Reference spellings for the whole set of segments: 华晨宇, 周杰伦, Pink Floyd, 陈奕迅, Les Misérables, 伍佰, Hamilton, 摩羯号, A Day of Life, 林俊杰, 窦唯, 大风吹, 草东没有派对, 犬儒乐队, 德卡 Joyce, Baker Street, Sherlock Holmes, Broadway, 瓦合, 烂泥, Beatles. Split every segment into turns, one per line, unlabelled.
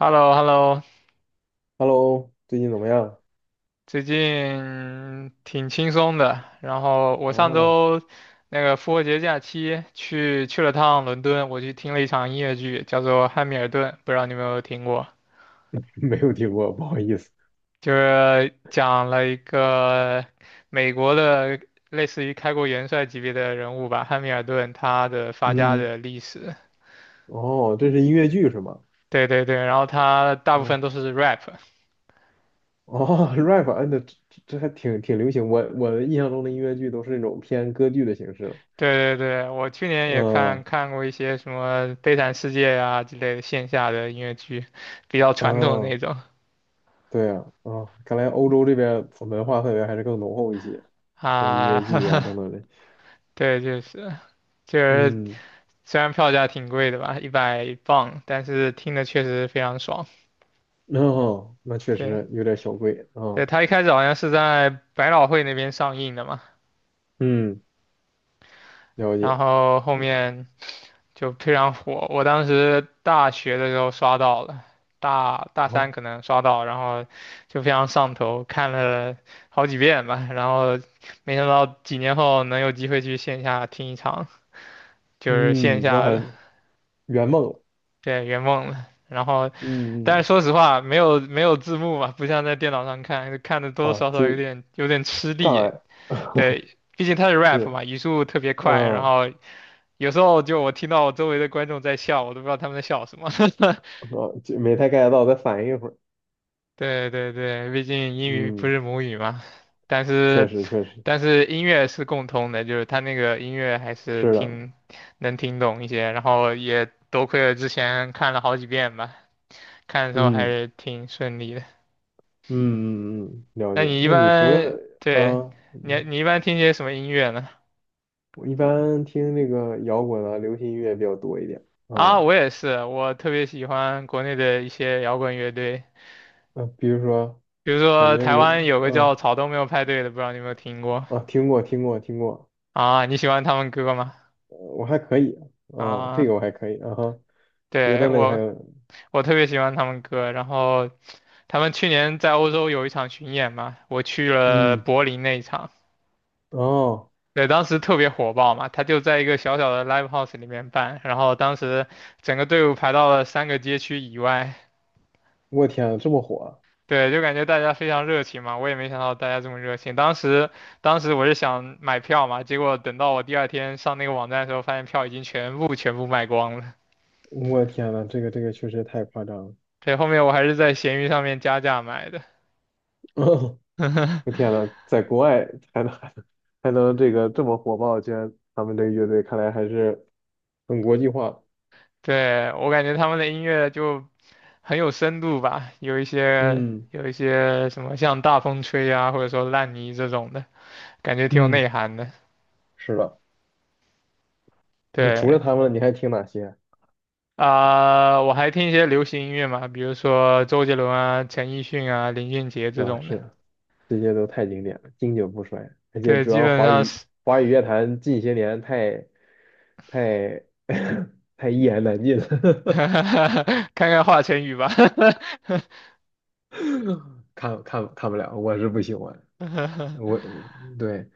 h e l l o h e l l o
Hello，最近怎么样？
最近挺轻松的。然后我上
哦，
周那个复活节假期去了趟伦敦，我去听了一场音乐剧，叫做《汉密尔顿》，不知道你有没有听过？
没有听过，不好意思。
就是讲了一个美国的类似于开国元帅级别的人物吧，汉密尔顿他的发家
嗯，
的历史。
哦，这是音乐剧是吗？
对对对，然后他大部
哦
分都是 rap。
哦 ，rap，嗯，那这还挺流行。我的印象中的音乐剧都是那种偏歌剧的形式了。
对对对，我去年也看
嗯
看过一些什么《悲惨世界》呀之类的线下的音乐剧，比较传统的那
嗯，
种
对啊，啊，看来欧洲这边文化氛围还是更浓厚一些，有音乐
啊。
剧啊 等等的。
对，就是
嗯，
虽然票价挺贵的吧，100磅，但是听的确实非常爽。
哦，那确
对
实有点小贵
对，
啊。
他一开始好像是在百老汇那边上映的嘛，
嗯，了解。
然后后
嗯，
面就非常火。我当时大学的时候刷到了，大三
哦，
可能刷到，然后就非常上头，看了好几遍吧。然后没想到几年后能有机会去线下听一场，就是线
嗯，那
下的，
还圆梦了。
对，圆梦了。然后，
嗯
但
嗯。
是说实话，没有字幕嘛，不像在电脑上看，看的多多
啊，
少
就
少有点吃
障
力。
碍
对，毕竟它是 rap
是，
嘛，语速特别快，然
嗯，
后有时候就我听到我周围的观众在笑，我都不知道他们在笑什么。
哦，就没太 get 到，再反应一会儿。
对对对，毕竟英语不
嗯，
是母语嘛，但
确
是
实确实
但是音乐是共通的，就是他那个音乐还是
是的，
能听懂一些，然后也多亏了之前看了好几遍吧，看的时候还
嗯
是挺顺利的。
嗯嗯嗯，了
那
解。
你一
那你除了
般对
啊，
你
嗯，
你一般听些什么音乐呢？
我一般听那个摇滚啊、流行音乐比较多一点
啊，
啊，
我也是，我特别喜欢国内的一些摇滚乐队，
比如说
比如
感
说
觉
台
有，
湾有个叫
嗯，
草东没有派对的，不知道你有没有听过
啊，听过听过听过，
啊？你喜欢他们歌吗？
我还可以，啊，这
啊，
个我还可以，啊哈，别
对
的呢你还
我。
有，
我特别喜欢他们歌。然后他们去年在欧洲有一场巡演嘛，我去了
嗯，
柏林那一场，
哦，
对，当时特别火爆嘛。他就在一个小小的 live house 里面办，然后当时整个队伍排到了三个街区以外。
我天啊，这么火。
对，就感觉大家非常热情嘛，我也没想到大家这么热情。当时，当时我是想买票嘛，结果等到我第二天上那个网站的时候，发现票已经全部卖光了。
我天呐，这个确实太夸张了！
对，后面我还是在闲鱼上面加价买的。
我 天呐，在国外还能还能还能这个这么火爆，居然他们这个乐队看来还是很国际化。
对，我感觉他们的音乐就很有深度吧，有一些
嗯
有一些什么像《大风吹》啊，或者说《烂泥》这种的，感觉挺有
嗯，
内涵的。
是的。那除了
对，
他们，你还听哪些？
啊、我还听一些流行音乐嘛，比如说周杰伦啊、陈奕迅啊、林俊杰这
啊，
种的。
是，这些都太经典了，经久不衰。而且
对，
主
基
要
本
华
上
语
是，
华语乐坛近些年太 太一言难尽了，
看看华晨宇吧。
看看看不了，我是不喜欢。我 我对，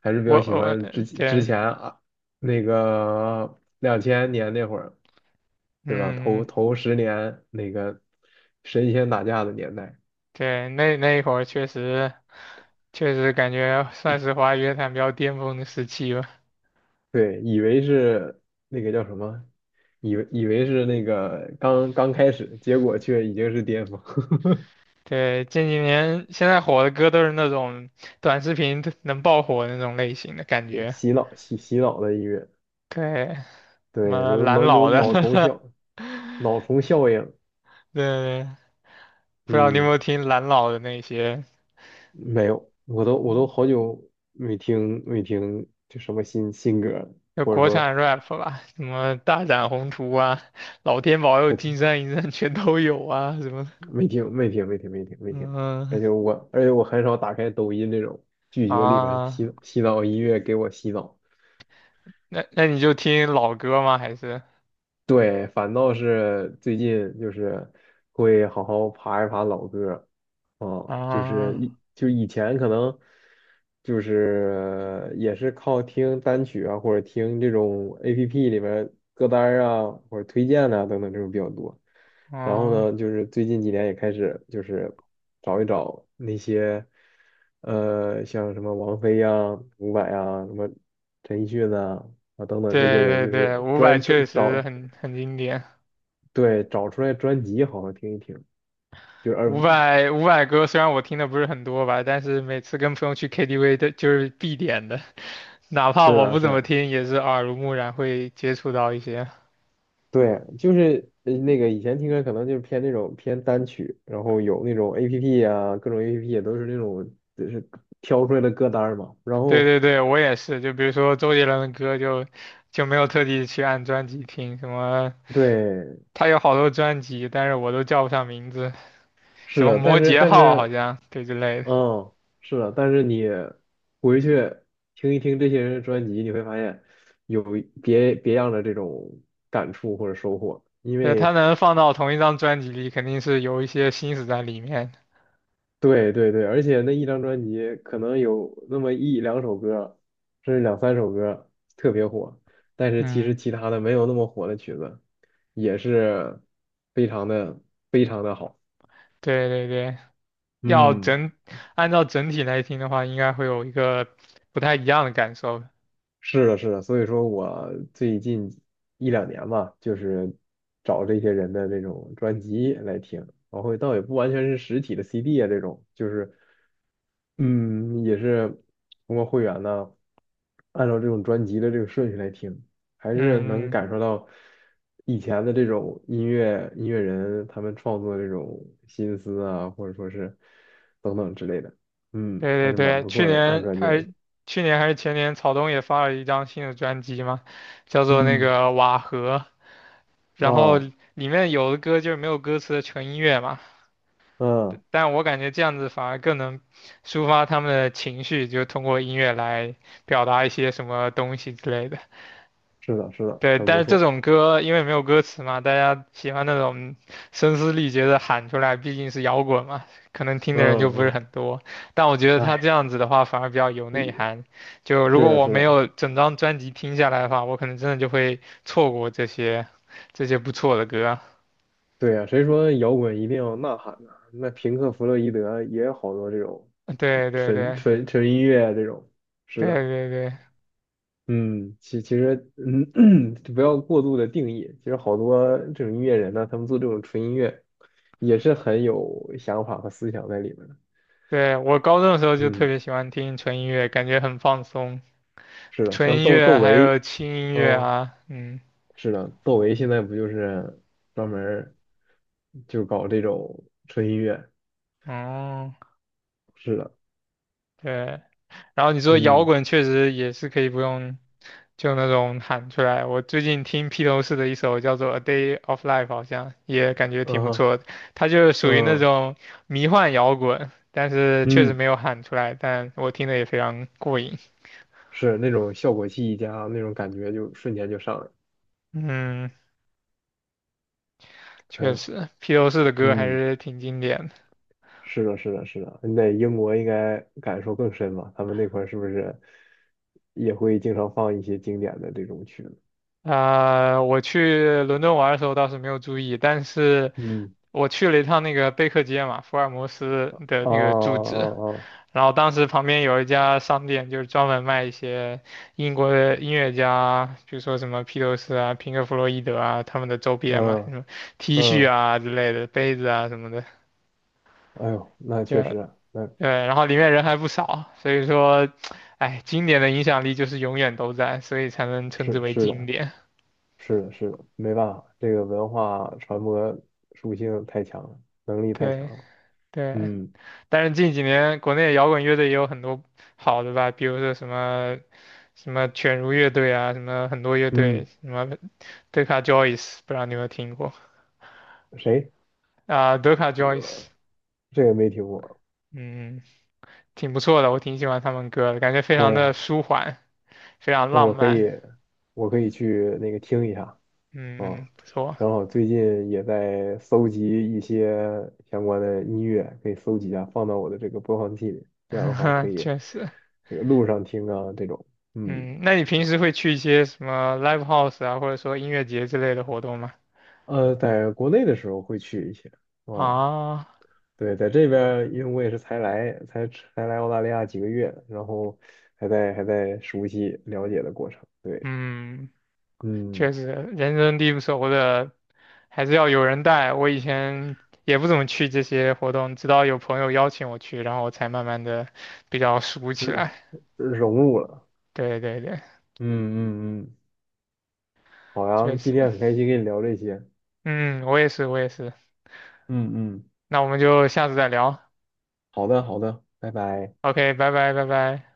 还是比
我
较喜
我
欢之之
对，
前啊，那个两千年那会儿，对吧？头
嗯，
头十年那个神仙打架的年代，
对，那一会儿确实。确实感觉算是华语乐坛比较巅峰的时期吧。
对，以为是那个叫什么，以为是那个刚刚开始，结果却已经是巅峰，
对，近几年现在火的歌都是那种短视频能爆火的那种类型的感
是
觉。
洗脑的音乐，
对，什
对，
么
都
蓝
能有
老的，
脑虫效应，
对，不知道你有没
嗯。
有听蓝老的那些，
没有，我都好久没听就什么新歌了，
就
或者
国
说
产 rap 吧，什么大展宏图啊，老天保佑，
不
金
听
山银山全都有啊，什么的，
没听没听没听没听没听，而
嗯
且我很少打开抖音这种，拒绝里面
啊，
洗洗澡音乐给我洗澡。
那你就听老歌吗？还是
对，反倒是最近就是会好好爬一爬老歌，啊，就是
啊
就以前可能就是也是靠听单曲啊，或者听这种 APP 里面歌单儿啊，或者推荐啊等等这种比较多。然后
啊？
呢，就是最近几年也开始就是找一找那些，像什么王菲呀、伍佰呀、什么陈奕迅呐啊等等这些
对
人，
对
就
对，
是
伍佰
专
确
专
实
找。
很经典。
对，找出来专辑好好听一听，就是而
伍佰歌虽然我听的不是很多吧，但是每次跟朋友去 KTV 的就是必点的，哪怕
是
我
的，
不
是
怎么
的，
听，也是耳濡目染会接触到一些。
对，就是那个以前听歌可能就是那种偏单曲，然后有那种 APP 啊，各种 APP 也都是那种就是挑出来的歌单儿嘛，然
对
后
对对，我也是，就比如说周杰伦的歌就没有特地去按专辑听，什么
对，
他有好多专辑，但是我都叫不上名字，
是
什么
的，但
摩
是
羯
但
号好
是
像对之类的。
嗯，是的，但是你回去听一听这些人的专辑，你会发现有别样的这种感触或者收获，因
对，他
为。
能放到同一张专辑里，肯定是有一些心思在里面。
对对对，而且那一张专辑可能有那么一两首歌，甚至两三首歌特别火，但是其实
嗯。
其他的没有那么火的曲子，也是非常的非常的好。
对对对，要
嗯。
整，按照整体来听的话，应该会有一个不太一样的感受。
是的，是的，所以说我最近一两年吧，就是找这些人的这种专辑来听，然后倒也不完全是实体的 CD 啊，这种就是，嗯，也是通过会员呢，按照这种专辑的这个顺序来听，还是能
嗯，
感受到以前的这种音乐人他们创作的这种心思啊，或者说是等等之类的，嗯，还
对对
是蛮
对，
不
去
错的，按
年
专辑来
还是
听。
去年还是前年，草东也发了一张新的专辑嘛，叫做那
嗯，
个《瓦合》，然后
啊，
里面有的歌就是没有歌词的纯音乐嘛，
嗯，
但我感觉这样子反而更能抒发他们的情绪，就通过音乐来表达一些什么东西之类的。
是的，是的，
对，
很
但
不
是这
错。
种歌因为没有歌词嘛，大家喜欢那种声嘶力竭的喊出来，毕竟是摇滚嘛，可能听
嗯
的人就不是
嗯，
很多。但我觉得他这
哎，
样子的话反而比较有内
一
涵。就如果
是的，
我
是
没
的，
有整张专辑听下来的话，我可能真的就会错过这些不错的歌。
对呀、谁说摇滚一定要呐喊呢、那平克·弗洛伊德也有好多这种
对对
纯
对
纯纯音乐啊这种。是
对
的，
对对
嗯，其实，嗯，不要过度的定义。其实好多这种音乐人呢，他们做这种纯音乐也是很有想法和思想在里面的。
对，我高中的时候就特
嗯，
别喜欢听纯音乐，感觉很放松，
是的，
纯
像
音
窦窦
乐还有
唯，
轻音乐
嗯。
啊，嗯，
是的，窦唯现在不就是专门儿就搞这种纯音乐？
哦，
是的，
对。然后你说摇
嗯，
滚确实也是可以不用就那种喊出来。我最近听披头士的一首叫做《A Day of Life》,好像也感觉挺
嗯
不
哼，
错的。它就是属于那
嗯
种迷幻摇滚，但是确实
嗯，
没有喊出来，但我听的也非常过瘾。
是那种效果器一加，那种感觉就瞬间就上来了。
嗯，
还
确
有，
实，披头士的歌还
嗯，
是挺经典的。
是的，是的，是的，你在英国应该感受更深吧？他们那块儿是不是也会经常放一些经典的这种曲子？
啊、我去伦敦玩的时候倒是没有注意，但是
嗯，
我去了一趟那个贝克街嘛，福尔摩斯的
哦
那个住址，
哦
然后当时旁边有一家商店，就是专门卖一些英国的音乐家，比如说什么披头士啊、平克·弗洛伊德啊他们的周
哦，
边嘛，什么 T
哦，
恤
嗯
啊之类的、杯子啊什么的，
嗯，哎呦，那确
就
实啊，那
对，然后里面人还不少，所以说，哎，经典的影响力就是永远都在，所以才能称之
是
为
是
经
的。
典。
是的，是的，没办法，这个文化传播属性太强了，能力太强
对
了。
对，
嗯
但是近几年国内摇滚乐队也有很多好的吧，比如说什么什么犬儒乐队啊，什么很多乐队，
嗯，
什么德卡 Joyce,不知道你有没有听过
谁？
啊？德卡 Joyce,
这个没听过。
嗯，挺不错的，我挺喜欢他们歌的，感觉非
可
常
以
的
啊，
舒缓，非常
那
浪
我可
漫，
以，我可以去那个听一下
嗯，
啊。
不错，
然后最近也在搜集一些相关的音乐，可以搜集一下，放到我的这个播放器里。这样的话可 以
确实，
这个路上听啊，这种。嗯，
嗯，那你平时会去一些什么 live house 啊，或者说音乐节之类的活动吗？
在国内的时候会去一些。啊。
啊，
对，在这边儿因为我也是才来，才才来，澳大利亚几个月，然后还在熟悉了解的过程。对，
嗯，
嗯，
确实，人生地不熟的，还是要有人带。我以前也不怎么去这些活动，直到有朋友邀请我去，然后我才慢慢的比较熟起来。
融入了。
对对对。
嗯嗯嗯，好
确
呀，今
实，
天很开心跟你聊这些。
嗯，我也是，我也是。
嗯嗯，
那我们就下次再聊。
好的好的，拜拜。
OK,拜拜，拜拜。